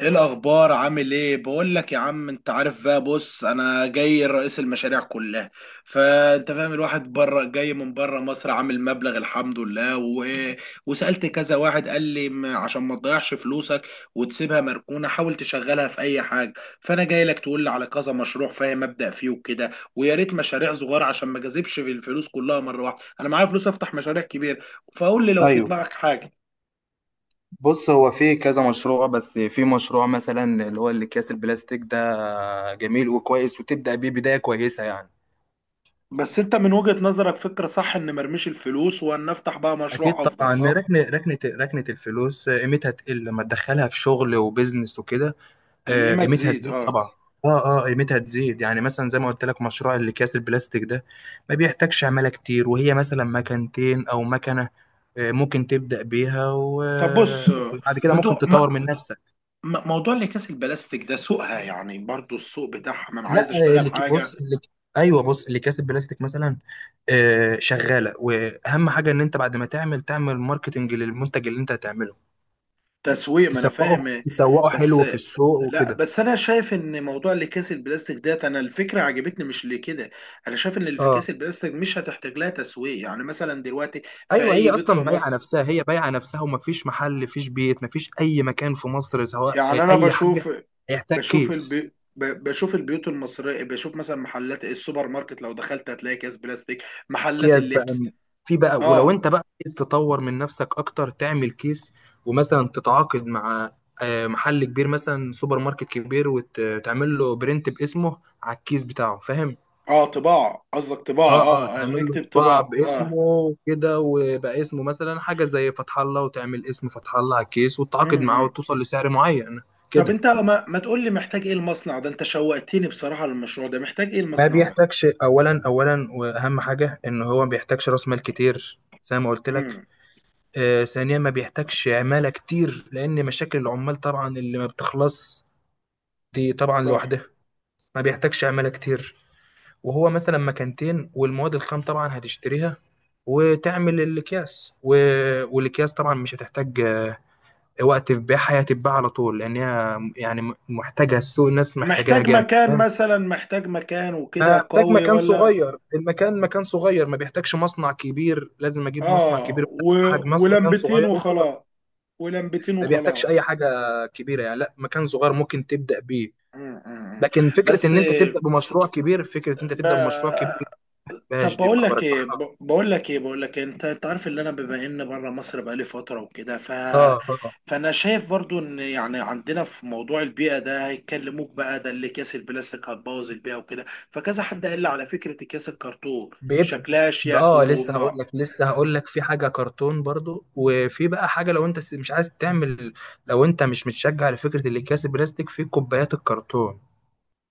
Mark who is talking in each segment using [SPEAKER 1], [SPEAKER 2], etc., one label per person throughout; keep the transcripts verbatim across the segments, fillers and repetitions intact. [SPEAKER 1] ايه الاخبار؟ عامل ايه؟ بقول لك يا عم، انت عارف بقى. بص، انا جاي رئيس المشاريع كلها. فانت فاهم، الواحد بره جاي من بره مصر، عامل مبلغ الحمد لله و... وسالت كذا واحد قال لي م- عشان ما تضيعش فلوسك وتسيبها مركونه، حاول تشغلها في اي حاجه. فانا جاي لك تقول لي على كذا مشروع، فاهم، ابدا فيه وكده. ويا ريت مشاريع صغيره عشان ما جذبش في الفلوس كلها مره واحده، انا معايا فلوس افتح مشاريع كبيره. فقول لي لو في
[SPEAKER 2] ايوه،
[SPEAKER 1] دماغك حاجه.
[SPEAKER 2] بص هو في كذا مشروع، بس في مشروع مثلا اللي هو الاكياس البلاستيك ده جميل وكويس وتبدا بيه بدايه كويسه يعني.
[SPEAKER 1] بس انت من وجهة نظرك فكرة صح ان مرميش الفلوس وان نفتح بقى
[SPEAKER 2] اكيد
[SPEAKER 1] مشروع افضل،
[SPEAKER 2] طبعا،
[SPEAKER 1] صح؟
[SPEAKER 2] ركنه ركنه ركنه الفلوس قيمتها تقل لما تدخلها في شغل وبزنس وكده. آه،
[SPEAKER 1] القيمة
[SPEAKER 2] قيمتها
[SPEAKER 1] تزيد،
[SPEAKER 2] تزيد
[SPEAKER 1] اه.
[SPEAKER 2] طبعا. اه، اه، قيمتها تزيد، يعني مثلا زي ما قلت لك مشروع الاكياس البلاستيك ده ما بيحتاجش عماله كتير، وهي مثلا مكانتين او مكنه. آه، ممكن تبدا بيها و-
[SPEAKER 1] طب بص.
[SPEAKER 2] وبعد كده
[SPEAKER 1] ما
[SPEAKER 2] ممكن
[SPEAKER 1] تو...
[SPEAKER 2] تطور
[SPEAKER 1] ما...
[SPEAKER 2] من نفسك.
[SPEAKER 1] ما- موضوع اللي كاس البلاستيك ده، سوقها يعني برضو، السوق بتاعها، ما انا
[SPEAKER 2] لا،
[SPEAKER 1] عايز اشتغل
[SPEAKER 2] اللي ك-
[SPEAKER 1] حاجة.
[SPEAKER 2] بص، اللي ك- ايوه، بص اللي كاسب بلاستيك مثلا. آه، شغاله، واهم حاجه ان انت بعد ما تعمل، تعمل ماركتنج للمنتج اللي انت هتعمله.
[SPEAKER 1] تسويق، ما انا
[SPEAKER 2] تسوقه،
[SPEAKER 1] فاهم.
[SPEAKER 2] تسوقه
[SPEAKER 1] بس.
[SPEAKER 2] حلو في السوق
[SPEAKER 1] لا
[SPEAKER 2] وكده.
[SPEAKER 1] بس انا شايف ان موضوع اللي كاس البلاستيك ده، انا الفكرة عجبتني، مش لكده. انا شايف ان اللي في
[SPEAKER 2] اه،
[SPEAKER 1] كاس البلاستيك مش هتحتاج لها تسويق، يعني مثلا دلوقتي في
[SPEAKER 2] ايوه،
[SPEAKER 1] اي
[SPEAKER 2] هي
[SPEAKER 1] بيت في
[SPEAKER 2] اصلا بايعه
[SPEAKER 1] مصر.
[SPEAKER 2] نفسها، هي بايعه نفسها، ومفيش محل، مفيش بيت، مفيش اي مكان في مصر، سواء
[SPEAKER 1] يعني
[SPEAKER 2] آه،
[SPEAKER 1] انا
[SPEAKER 2] اي حاجه
[SPEAKER 1] بشوف،
[SPEAKER 2] هيحتاج
[SPEAKER 1] بشوف
[SPEAKER 2] كيس.
[SPEAKER 1] البي... ب- بشوف البيوت المصرية، بشوف مثلا محلات السوبر ماركت، لو دخلت هتلاقي كيس بلاستيك، محلات
[SPEAKER 2] اكياس بقى
[SPEAKER 1] اللبس.
[SPEAKER 2] م- في بقى، ولو
[SPEAKER 1] اه،
[SPEAKER 2] انت بقى عايز تطور من نفسك اكتر تعمل كيس ومثلا تتعاقد مع آه، محل كبير، مثلا سوبر ماركت كبير، وتعمل له برنت باسمه على الكيس بتاعه، فاهم؟
[SPEAKER 1] اه، طباعة قصدك، طباعة،
[SPEAKER 2] اه، اه،
[SPEAKER 1] اه، آه،
[SPEAKER 2] تعمل له
[SPEAKER 1] نكتب
[SPEAKER 2] طباعة
[SPEAKER 1] طباعة، اه.
[SPEAKER 2] باسمه كده، ويبقى اسمه مثلا حاجة زي فتح الله، وتعمل اسم فتح الله على الكيس وتتعاقد معاه
[SPEAKER 1] امم
[SPEAKER 2] وتوصل لسعر معين
[SPEAKER 1] طب
[SPEAKER 2] كده.
[SPEAKER 1] انت ما, ما تقول لي محتاج ايه المصنع ده، انت شوقتني بصراحة للمشروع ده، محتاج ايه
[SPEAKER 2] ما
[SPEAKER 1] المصنع ده؟
[SPEAKER 2] بيحتاجش، اولا اولا واهم حاجة ان هو ما بيحتاجش راس مال كتير زي ما قلت لك.
[SPEAKER 1] امم،
[SPEAKER 2] آه، ثانيا، ما بيحتاجش عمالة كتير، لأن مشاكل العمال طبعا اللي ما بتخلص دي طبعا
[SPEAKER 1] صح.
[SPEAKER 2] لوحدها. ما بيحتاجش عمالة كتير، وهو مثلا مكانتين، والمواد الخام طبعا هتشتريها وتعمل الأكياس و... والأكياس طبعا مش هتحتاج آه، وقت في بيعها، هي هتتباع على طول، لأن هي يعني م- محتاجة السوق، الناس محتاجاها
[SPEAKER 1] محتاج
[SPEAKER 2] جامد،
[SPEAKER 1] مكان
[SPEAKER 2] فاهم؟
[SPEAKER 1] مثلا، محتاج مكان وكده
[SPEAKER 2] هحتاج
[SPEAKER 1] قوي
[SPEAKER 2] مكان
[SPEAKER 1] ولا؟
[SPEAKER 2] صغير، المكان مكان صغير، ما بيحتاجش مصنع كبير لازم أجيب مصنع
[SPEAKER 1] اه،
[SPEAKER 2] كبير.
[SPEAKER 1] و...
[SPEAKER 2] حجم مصنع مكان
[SPEAKER 1] ولمبتين
[SPEAKER 2] صغير وخلاص.
[SPEAKER 1] وخلاص، ولمبتين
[SPEAKER 2] ما بيحتاجش اي
[SPEAKER 1] وخلاص.
[SPEAKER 2] حاجه كبيره يعني، لا، مكان صغير ممكن تبدا بيه.
[SPEAKER 1] مم، مم.
[SPEAKER 2] لكن فكره
[SPEAKER 1] بس.
[SPEAKER 2] ان انت تبدا بمشروع كبير، فكره ان انت
[SPEAKER 1] ب...
[SPEAKER 2] تبدا بمشروع كبير، لا،
[SPEAKER 1] طب
[SPEAKER 2] مفيهاش دي
[SPEAKER 1] بقول
[SPEAKER 2] ما
[SPEAKER 1] لك ايه،
[SPEAKER 2] برجحها.
[SPEAKER 1] ب- بقول لك ايه بقول لك إيه؟ انت انت عارف ان انا بما ان بره مصر بقالي فتره وكده، ف
[SPEAKER 2] اه، اه،
[SPEAKER 1] فانا شايف برضو ان يعني عندنا في موضوع البيئه ده، هيكلموك بقى ده اللي كاس البلاستيك هتبوظ البيئه وكده. فكذا حد قال لي على فكره اكياس الكرتون،
[SPEAKER 2] بيبقى.
[SPEAKER 1] شكلها شيك
[SPEAKER 2] اه لسه هقول
[SPEAKER 1] وما
[SPEAKER 2] لك لسه هقول لك في حاجه كرتون برضو، وفي بقى حاجه لو انت مش عايز تعمل، لو انت مش متشجع لفكره الاكياس البلاستيك في كوبايات الكرتون.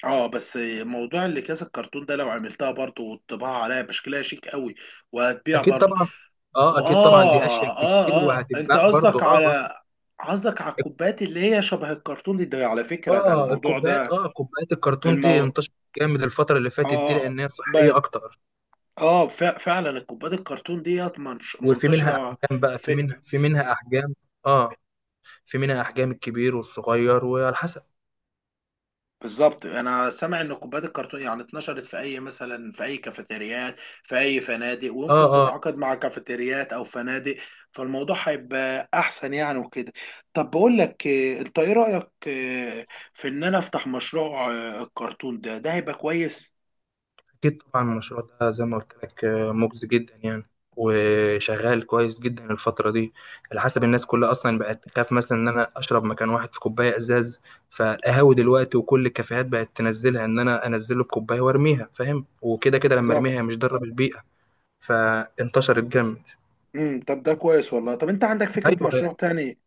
[SPEAKER 1] اه. بس موضوع اللي كاس الكرتون ده لو عملتها برضو والطباعه عليها بشكلها شيك قوي، وهتبيع
[SPEAKER 2] اكيد
[SPEAKER 1] برضو.
[SPEAKER 2] طبعا. اه، اكيد طبعا دي اشيك
[SPEAKER 1] واه،
[SPEAKER 2] بكتير،
[SPEAKER 1] اه، اه، انت
[SPEAKER 2] وهتتباع برضو.
[SPEAKER 1] قصدك
[SPEAKER 2] اه.
[SPEAKER 1] على قصدك على
[SPEAKER 2] آه.
[SPEAKER 1] الكوبايات اللي هي شبه الكرتون ده، على فكرة ده
[SPEAKER 2] اه
[SPEAKER 1] الموضوع
[SPEAKER 2] الكوبايات
[SPEAKER 1] ده.
[SPEAKER 2] اه كوبايات الكرتون دي
[SPEAKER 1] المو
[SPEAKER 2] انتشرت جامد الفترة اللي فاتت دي
[SPEAKER 1] اه
[SPEAKER 2] لأنها
[SPEAKER 1] ب...
[SPEAKER 2] صحية أكتر.
[SPEAKER 1] اه ف... فعلا الكوبايات الكرتون ديت منش...
[SPEAKER 2] وفي منها
[SPEAKER 1] منتشرة
[SPEAKER 2] أحجام بقى، في
[SPEAKER 1] في.
[SPEAKER 2] منها في منها أحجام. اه، في منها أحجام، الكبير والصغير وعلى حسب.
[SPEAKER 1] بالظبط، انا سامع ان الكوبايات الكرتون يعني اتنشرت في اي، مثلا في اي كافيتريات، في اي فنادق،
[SPEAKER 2] اه،
[SPEAKER 1] ويمكن
[SPEAKER 2] اه،
[SPEAKER 1] تتعاقد مع كافيتريات او فنادق. فالموضوع هيبقى احسن يعني وكده. طب بقول لك إيه، انت ايه رايك، إيه، في ان انا افتح مشروع آه، الكرتون ده، ده هيبقى كويس.
[SPEAKER 2] أكيد طبعا، المشروع ده زي ما قلت لك آه، مجزي جدا يعني، وشغال كويس جدا الفترة دي. على حسب الناس كلها أصلا بقت تخاف مثلا إن أنا أشرب مكان واحد في كوباية إزاز، فالقهاوي دلوقتي وكل الكافيهات بقت تنزلها إن أنا أنزله في كوباية وأرميها، فاهم؟ وكده كده لما
[SPEAKER 1] بالظبط.
[SPEAKER 2] أرميها هي مش ضارة بالبيئة، فانتشرت جامد.
[SPEAKER 1] امم طب ده كويس والله، طب انت عندك فكره
[SPEAKER 2] ايوه.
[SPEAKER 1] مشروع تاني؟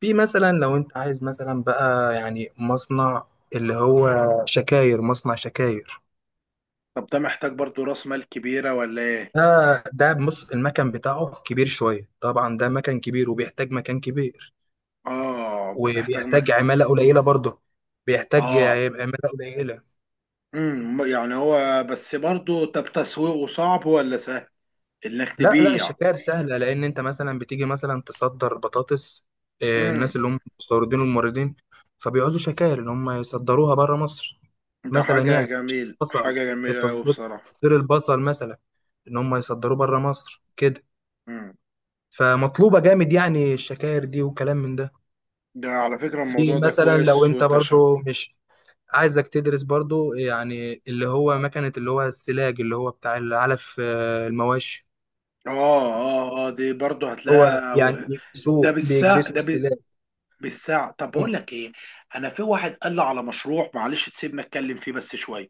[SPEAKER 2] في مثلا لو انت عايز مثلا بقى يعني مصنع، اللي هو شكاير، مصنع شكاير.
[SPEAKER 1] طب ده محتاج برضو راس مال كبيره ولا ايه؟
[SPEAKER 2] ده ده بص المكن بتاعه كبير شويه طبعا، ده مكن كبير وبيحتاج مكان كبير،
[SPEAKER 1] اه، بتحتاج
[SPEAKER 2] وبيحتاج
[SPEAKER 1] مكه.
[SPEAKER 2] عماله قليله برضه، بيحتاج
[SPEAKER 1] اه،
[SPEAKER 2] عماله قليله.
[SPEAKER 1] امم يعني هو بس برضه، طب تسويقه صعب ولا سهل؟ انك
[SPEAKER 2] لا، لا،
[SPEAKER 1] تبيع؟
[SPEAKER 2] الشكاير سهلة، لأن أنت مثلا بتيجي مثلا تصدر بطاطس، آه،
[SPEAKER 1] امم
[SPEAKER 2] الناس اللي هم مستوردين والموردين، فبيعوزوا شكاير إن هم يصدروها بره مصر،
[SPEAKER 1] ده
[SPEAKER 2] مثلا
[SPEAKER 1] حاجة
[SPEAKER 2] يعني.
[SPEAKER 1] جميل،
[SPEAKER 2] بصل،
[SPEAKER 1] حاجة جميلة أوي
[SPEAKER 2] تصدير،
[SPEAKER 1] بصراحة.
[SPEAKER 2] تصدير البصل مثلا، إن هم يصدروه بره مصر كده.
[SPEAKER 1] امم
[SPEAKER 2] فمطلوبة جامد يعني الشكاير دي وكلام من ده.
[SPEAKER 1] ده على فكرة
[SPEAKER 2] في
[SPEAKER 1] الموضوع ده
[SPEAKER 2] مثلا لو
[SPEAKER 1] كويس،
[SPEAKER 2] أنت
[SPEAKER 1] وانت شا...
[SPEAKER 2] برضو مش عايزك تدرس برضو، يعني اللي هو مكنة، اللي هو السلاج، اللي هو بتاع العلف آه، المواشي،
[SPEAKER 1] اه، اه، اه، دي برضه
[SPEAKER 2] هو
[SPEAKER 1] هتلاقيها
[SPEAKER 2] يعني
[SPEAKER 1] و- ده
[SPEAKER 2] بيكبسوه،
[SPEAKER 1] بالساعة،
[SPEAKER 2] بيكبسوا
[SPEAKER 1] ده ب...
[SPEAKER 2] السلاح.
[SPEAKER 1] بالساعة. طب
[SPEAKER 2] مم.
[SPEAKER 1] بقول لك ايه، انا في واحد قال لي على مشروع، معلش تسيبنا اتكلم فيه بس شوية.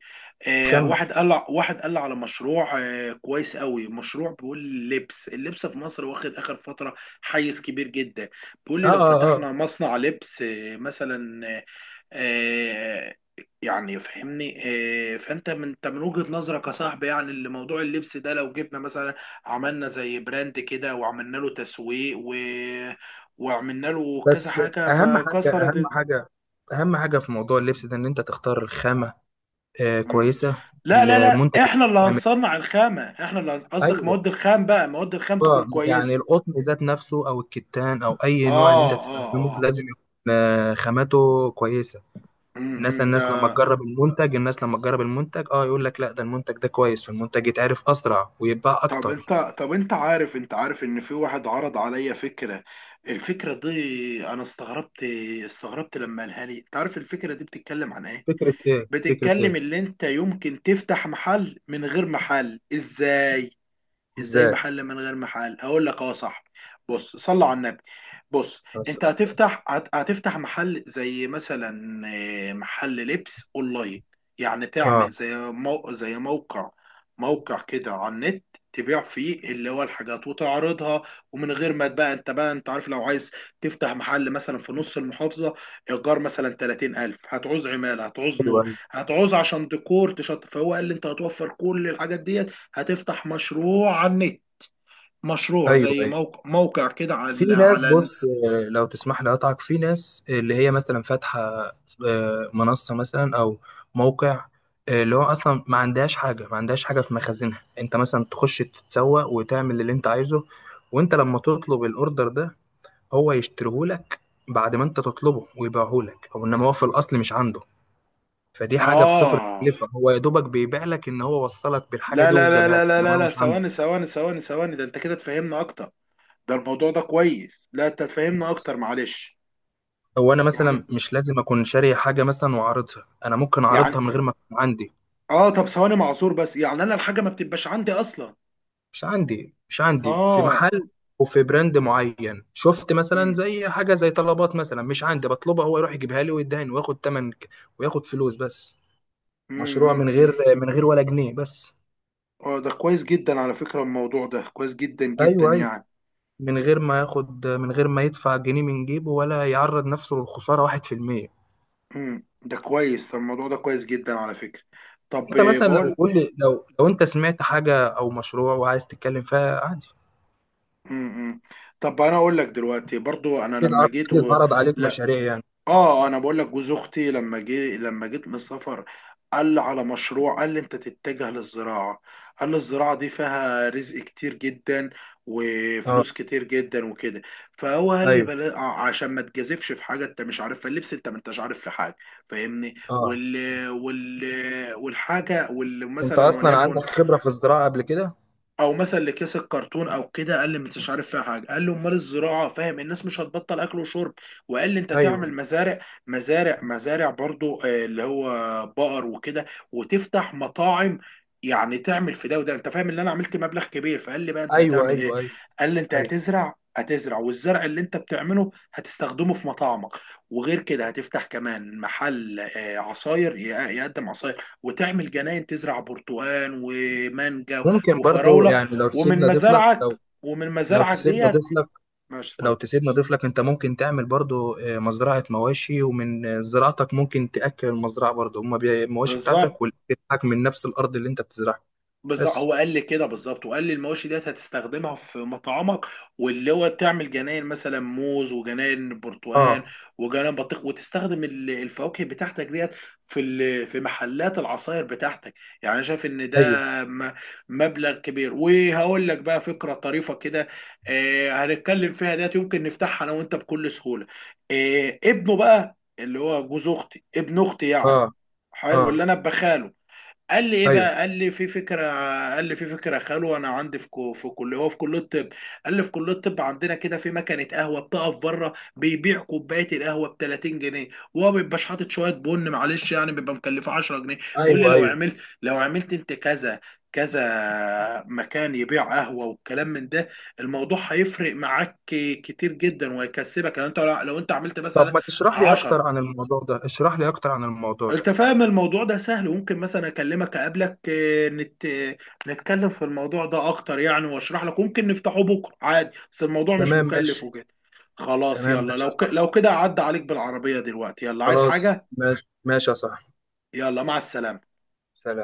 [SPEAKER 1] آه
[SPEAKER 2] كمل.
[SPEAKER 1] واحد قال لي واحد قال لي على مشروع آه كويس قوي، مشروع بيقول لبس، اللبس في مصر واخد اخر فترة حيز كبير جدا. بيقول
[SPEAKER 2] اه،
[SPEAKER 1] لي لو
[SPEAKER 2] اه، اه،
[SPEAKER 1] فتحنا مصنع لبس آه مثلا، آه آه، يعني فهمني. آه، فانت من انت من وجهة نظرك يا صاحبي يعني اللي موضوع اللبس ده، لو جبنا مثلا عملنا زي براند كده، وعملنا له تسويق و... وعملنا له كذا
[SPEAKER 2] بس
[SPEAKER 1] حاجه،
[SPEAKER 2] اهم حاجه،
[SPEAKER 1] فكسرت
[SPEAKER 2] اهم
[SPEAKER 1] ال-
[SPEAKER 2] حاجه، اهم حاجه في موضوع اللبس ده ان انت تختار الخامه آه
[SPEAKER 1] مم.
[SPEAKER 2] كويسه.
[SPEAKER 1] لا، لا، لا،
[SPEAKER 2] المنتج اللي
[SPEAKER 1] احنا اللي
[SPEAKER 2] بتعمل.
[SPEAKER 1] هنصنع الخامه، احنا اللي هن- قصدك
[SPEAKER 2] ايوه.
[SPEAKER 1] مواد الخام بقى، مواد الخام تكون
[SPEAKER 2] اه، يعني
[SPEAKER 1] كويسه.
[SPEAKER 2] القطن ذات نفسه، او الكتان، او
[SPEAKER 1] اه،
[SPEAKER 2] اي نوع اللي انت تستخدمه
[SPEAKER 1] اه، اه.
[SPEAKER 2] لازم يكون آه خامته كويسه. الناس
[SPEAKER 1] امم ده.
[SPEAKER 2] الناس لما تجرب المنتج، الناس لما تجرب المنتج، اه، يقول لك لا ده المنتج ده كويس، والمنتج يتعرف اسرع ويتباع
[SPEAKER 1] طب
[SPEAKER 2] اكتر.
[SPEAKER 1] انت طب انت عارف، انت عارف ان في واحد عرض عليا فكره، الفكره دي انا استغربت، استغربت لما قالها لي، انت عارف الفكره دي بتتكلم عن ايه؟
[SPEAKER 2] فكره ايه؟ فكره
[SPEAKER 1] بتتكلم
[SPEAKER 2] ايه؟
[SPEAKER 1] اللي انت يمكن تفتح محل من غير محل، ازاي؟ ازاي
[SPEAKER 2] ازاي؟
[SPEAKER 1] محل من غير محل؟ هقول لك. اه، صح. بص، صلى على النبي. بص.
[SPEAKER 2] بس.
[SPEAKER 1] انت هتفتح هت- هتفتح محل زي مثلا آه، محل لبس اونلاين، يعني
[SPEAKER 2] اه،
[SPEAKER 1] تعمل زي مو... زي موقع، موقع كده على النت، تبيع فيه اللي هو الحاجات وتعرضها. ومن غير ما بقى، انت بقى انت عارف لو عايز تفتح محل مثلا في نص المحافظة، ايجار مثلا ثلاثين الف، هتعوز عمالة، هتعوز
[SPEAKER 2] ايوه،
[SPEAKER 1] نور،
[SPEAKER 2] ايوه،
[SPEAKER 1] هتعوز عشان ديكور تشط، فهو قال لي انت هتوفر كل الحاجات دي، هتفتح مشروع على النت، مشروع
[SPEAKER 2] ايوه،
[SPEAKER 1] زي
[SPEAKER 2] ايوه،
[SPEAKER 1] موقع، موقع كده
[SPEAKER 2] في
[SPEAKER 1] على
[SPEAKER 2] ناس،
[SPEAKER 1] على ال-
[SPEAKER 2] بص، آه، لو تسمح لي اقطعك، في ناس اللي هي مثلا فاتحه آه، منصه مثلا، او موقع آه، اللي هو اصلا ما عندهاش حاجه، ما عندهاش حاجه في مخازنها. انت مثلا تخش تتسوق وتعمل اللي انت عايزه، وانت لما تطلب الاوردر ده هو يشتريهولك بعد ما انت تطلبه، ويبيعهولك، هو انما هو في الاصل مش عنده. فدي حاجه بصفر
[SPEAKER 1] اه.
[SPEAKER 2] تكلفه، هو يا دوبك بيبيع لك ان هو وصلك بالحاجه
[SPEAKER 1] لا،
[SPEAKER 2] دي
[SPEAKER 1] لا، لا،
[SPEAKER 2] وجابها لك،
[SPEAKER 1] لا، لا، لا،
[SPEAKER 2] انما هو
[SPEAKER 1] لا،
[SPEAKER 2] مش عنده.
[SPEAKER 1] ثواني، ثواني، ثواني، ثواني، ده انت كده تفهمنا اكتر. ده الموضوع ده كويس، لا انت تفهمنا اكتر، معلش.
[SPEAKER 2] هو انا
[SPEAKER 1] يعني،
[SPEAKER 2] مثلا مش لازم اكون شاري حاجه مثلا واعرضها، انا ممكن
[SPEAKER 1] يعني،
[SPEAKER 2] اعرضها من غير ما تكون عندي.
[SPEAKER 1] اه طب ثواني معذور بس، يعني انا الحاجه ما بتبقاش عندي اصلا.
[SPEAKER 2] مش عندي، مش عندي في
[SPEAKER 1] اه.
[SPEAKER 2] محل، وفي براند معين شفت مثلا،
[SPEAKER 1] امم،
[SPEAKER 2] زي حاجه زي طلبات مثلا، مش عندي، بطلبها، هو يروح يجيبها لي ويدهن وياخد تمن ك- وياخد فلوس بس. مشروع
[SPEAKER 1] امم.
[SPEAKER 2] من
[SPEAKER 1] امم،
[SPEAKER 2] غير، من غير ولا جنيه، بس.
[SPEAKER 1] اه، ده كويس جدا على فكره، الموضوع ده كويس جدا جدا
[SPEAKER 2] ايوه، ايوه،
[SPEAKER 1] يعني.
[SPEAKER 2] من غير ما ياخد، من غير ما يدفع جنيه من جيبه، ولا يعرض نفسه للخساره واحد في المية.
[SPEAKER 1] امم، ده كويس، ده الموضوع ده كويس جدا على فكره. طب،
[SPEAKER 2] انت
[SPEAKER 1] آه،
[SPEAKER 2] مثلا لو
[SPEAKER 1] بقول.
[SPEAKER 2] قول لي، لو لو انت سمعت حاجه او مشروع وعايز تتكلم فيها عادي.
[SPEAKER 1] امم، امم. طب انا اقول لك دلوقتي برضو، انا
[SPEAKER 2] اكيد
[SPEAKER 1] لما
[SPEAKER 2] عر-
[SPEAKER 1] جيت
[SPEAKER 2] اكيد
[SPEAKER 1] و...
[SPEAKER 2] اتعرض عليك
[SPEAKER 1] لا.
[SPEAKER 2] مشاريع يعني.
[SPEAKER 1] اه، انا بقول لك، جوز اختي لما جي لما جيت من السفر، قال لي على مشروع، قال لي انت تتجه للزراعه، قال لي الزراعه دي فيها رزق كتير جدا،
[SPEAKER 2] اه.
[SPEAKER 1] وفلوس كتير جدا وكده. فهو قال لي
[SPEAKER 2] ايوه.
[SPEAKER 1] بلا... ع- عشان ما تجازفش في حاجه انت مش عارفها، اللبس انت ما انتش عارف في حاجه. فاهمني،
[SPEAKER 2] اه،
[SPEAKER 1] وال... وال... والحاجه وال...
[SPEAKER 2] انت
[SPEAKER 1] مثلا
[SPEAKER 2] اصلا عندك
[SPEAKER 1] وليكن،
[SPEAKER 2] خبرة في الزراعة قبل كده؟
[SPEAKER 1] او مثلا اللي كيس الكرتون او كده، قال لي مش عارف فيها حاجه، قال لي امال الزراعه، فاهم، الناس مش هتبطل اكل وشرب. وقال لي انت تعمل
[SPEAKER 2] ايوه،
[SPEAKER 1] مزارع، مزارع مزارع برضو آه، اللي هو بقر وكده، وتفتح مطاعم، يعني تعمل في ده وده، انت فاهم ان انا عملت مبلغ كبير، فقال لي بقى انت
[SPEAKER 2] ايوه،
[SPEAKER 1] هتعمل ايه؟
[SPEAKER 2] ايوه، ايوه،
[SPEAKER 1] قال لي انت
[SPEAKER 2] ايوه،
[SPEAKER 1] هتزرع هتزرع، والزرع اللي انت بتعمله هتستخدمه في مطاعمك، وغير كده هتفتح كمان محل آه، عصاير، ي- يقدم عصاير، وتعمل جناين تزرع برتقال ومانجا
[SPEAKER 2] ممكن برضو
[SPEAKER 1] وفراوله،
[SPEAKER 2] يعني لو
[SPEAKER 1] ومن
[SPEAKER 2] تسيبنا اضيف لك،
[SPEAKER 1] مزارعك
[SPEAKER 2] لو،
[SPEAKER 1] ومن
[SPEAKER 2] لو
[SPEAKER 1] مزارعك
[SPEAKER 2] تسيبنا
[SPEAKER 1] ديت.
[SPEAKER 2] اضيف لك،
[SPEAKER 1] ماشي،
[SPEAKER 2] لو
[SPEAKER 1] اتفضل.
[SPEAKER 2] تسيبنا اضيف لك، انت ممكن تعمل برضو آه، مزرعة مواشي، ومن آه، زراعتك ممكن تأكل المزرعة برضو، هما بي- المواشي
[SPEAKER 1] بالظبط.
[SPEAKER 2] بتاعتك، والأكل بتاعك من نفس الارض اللي انت بتزرعها.
[SPEAKER 1] بالظبط،
[SPEAKER 2] بس.
[SPEAKER 1] هو قال لي كده بالظبط، وقال لي المواشي ديت هتستخدمها في مطعمك، واللي هو تعمل جناين مثلا موز، وجناين برتقال،
[SPEAKER 2] اه،
[SPEAKER 1] وجناين بطيخ، وتستخدم ال- الفواكه بتاعتك ديت في ال- في محلات العصاير بتاعتك. يعني انا شايف ان ده
[SPEAKER 2] ايوه،
[SPEAKER 1] م- مبلغ كبير. وهقول لك بقى فكرة طريفة كده، آه، هنتكلم فيها ديت، يمكن نفتحها انا وانت بكل سهولة. آه، ابنه بقى اللي هو جوز اختي، ابن اختي يعني،
[SPEAKER 2] اه، اه،
[SPEAKER 1] حلو اللي انا بخاله، قال لي ايه
[SPEAKER 2] ايوه،
[SPEAKER 1] بقى، قال لي في فكره، قال لي في فكره خلوه. انا عندي في كو في كليه، هو في كليه الطب. قال لي في كليه الطب عندنا كده في مكنه قهوه بتقف بره، بيبيع كوبايه القهوه ب ثلاثين جنيه، وهو ما بيبقاش حاطط شويه بن، معلش يعني، بيبقى مكلفه عشرة جنيه. بيقول لي
[SPEAKER 2] ايوه،
[SPEAKER 1] لو
[SPEAKER 2] ايوه،
[SPEAKER 1] عملت، لو عملت انت كذا، كذا مكان يبيع قهوه والكلام من ده، الموضوع هيفرق معاك كتير جدا، وهيكسبك لو انت لو انت عملت
[SPEAKER 2] طب
[SPEAKER 1] مثلا
[SPEAKER 2] ما تشرح لي اكتر
[SPEAKER 1] عشرة.
[SPEAKER 2] عن الموضوع ده، اشرح لي اكتر عن الموضوع ده.
[SPEAKER 1] انت فاهم الموضوع ده سهل، وممكن مثلا اكلمك، اقابلك، آه، نت... آه، نتكلم في الموضوع ده اكتر يعني، واشرح لك، ممكن نفتحه بكره عادي، بس الموضوع مش
[SPEAKER 2] تمام،
[SPEAKER 1] مكلف
[SPEAKER 2] ماشي.
[SPEAKER 1] وكده. خلاص
[SPEAKER 2] تمام،
[SPEAKER 1] يلا،
[SPEAKER 2] ماشي
[SPEAKER 1] لو
[SPEAKER 2] يا
[SPEAKER 1] ك...
[SPEAKER 2] صاحبي،
[SPEAKER 1] لو كده عدى عليك بالعربية دلوقتي، يلا عايز
[SPEAKER 2] خلاص،
[SPEAKER 1] حاجة؟
[SPEAKER 2] ماشي ماشي يا صاحبي.
[SPEAKER 1] يلا، مع السلامة.
[SPEAKER 2] سلام.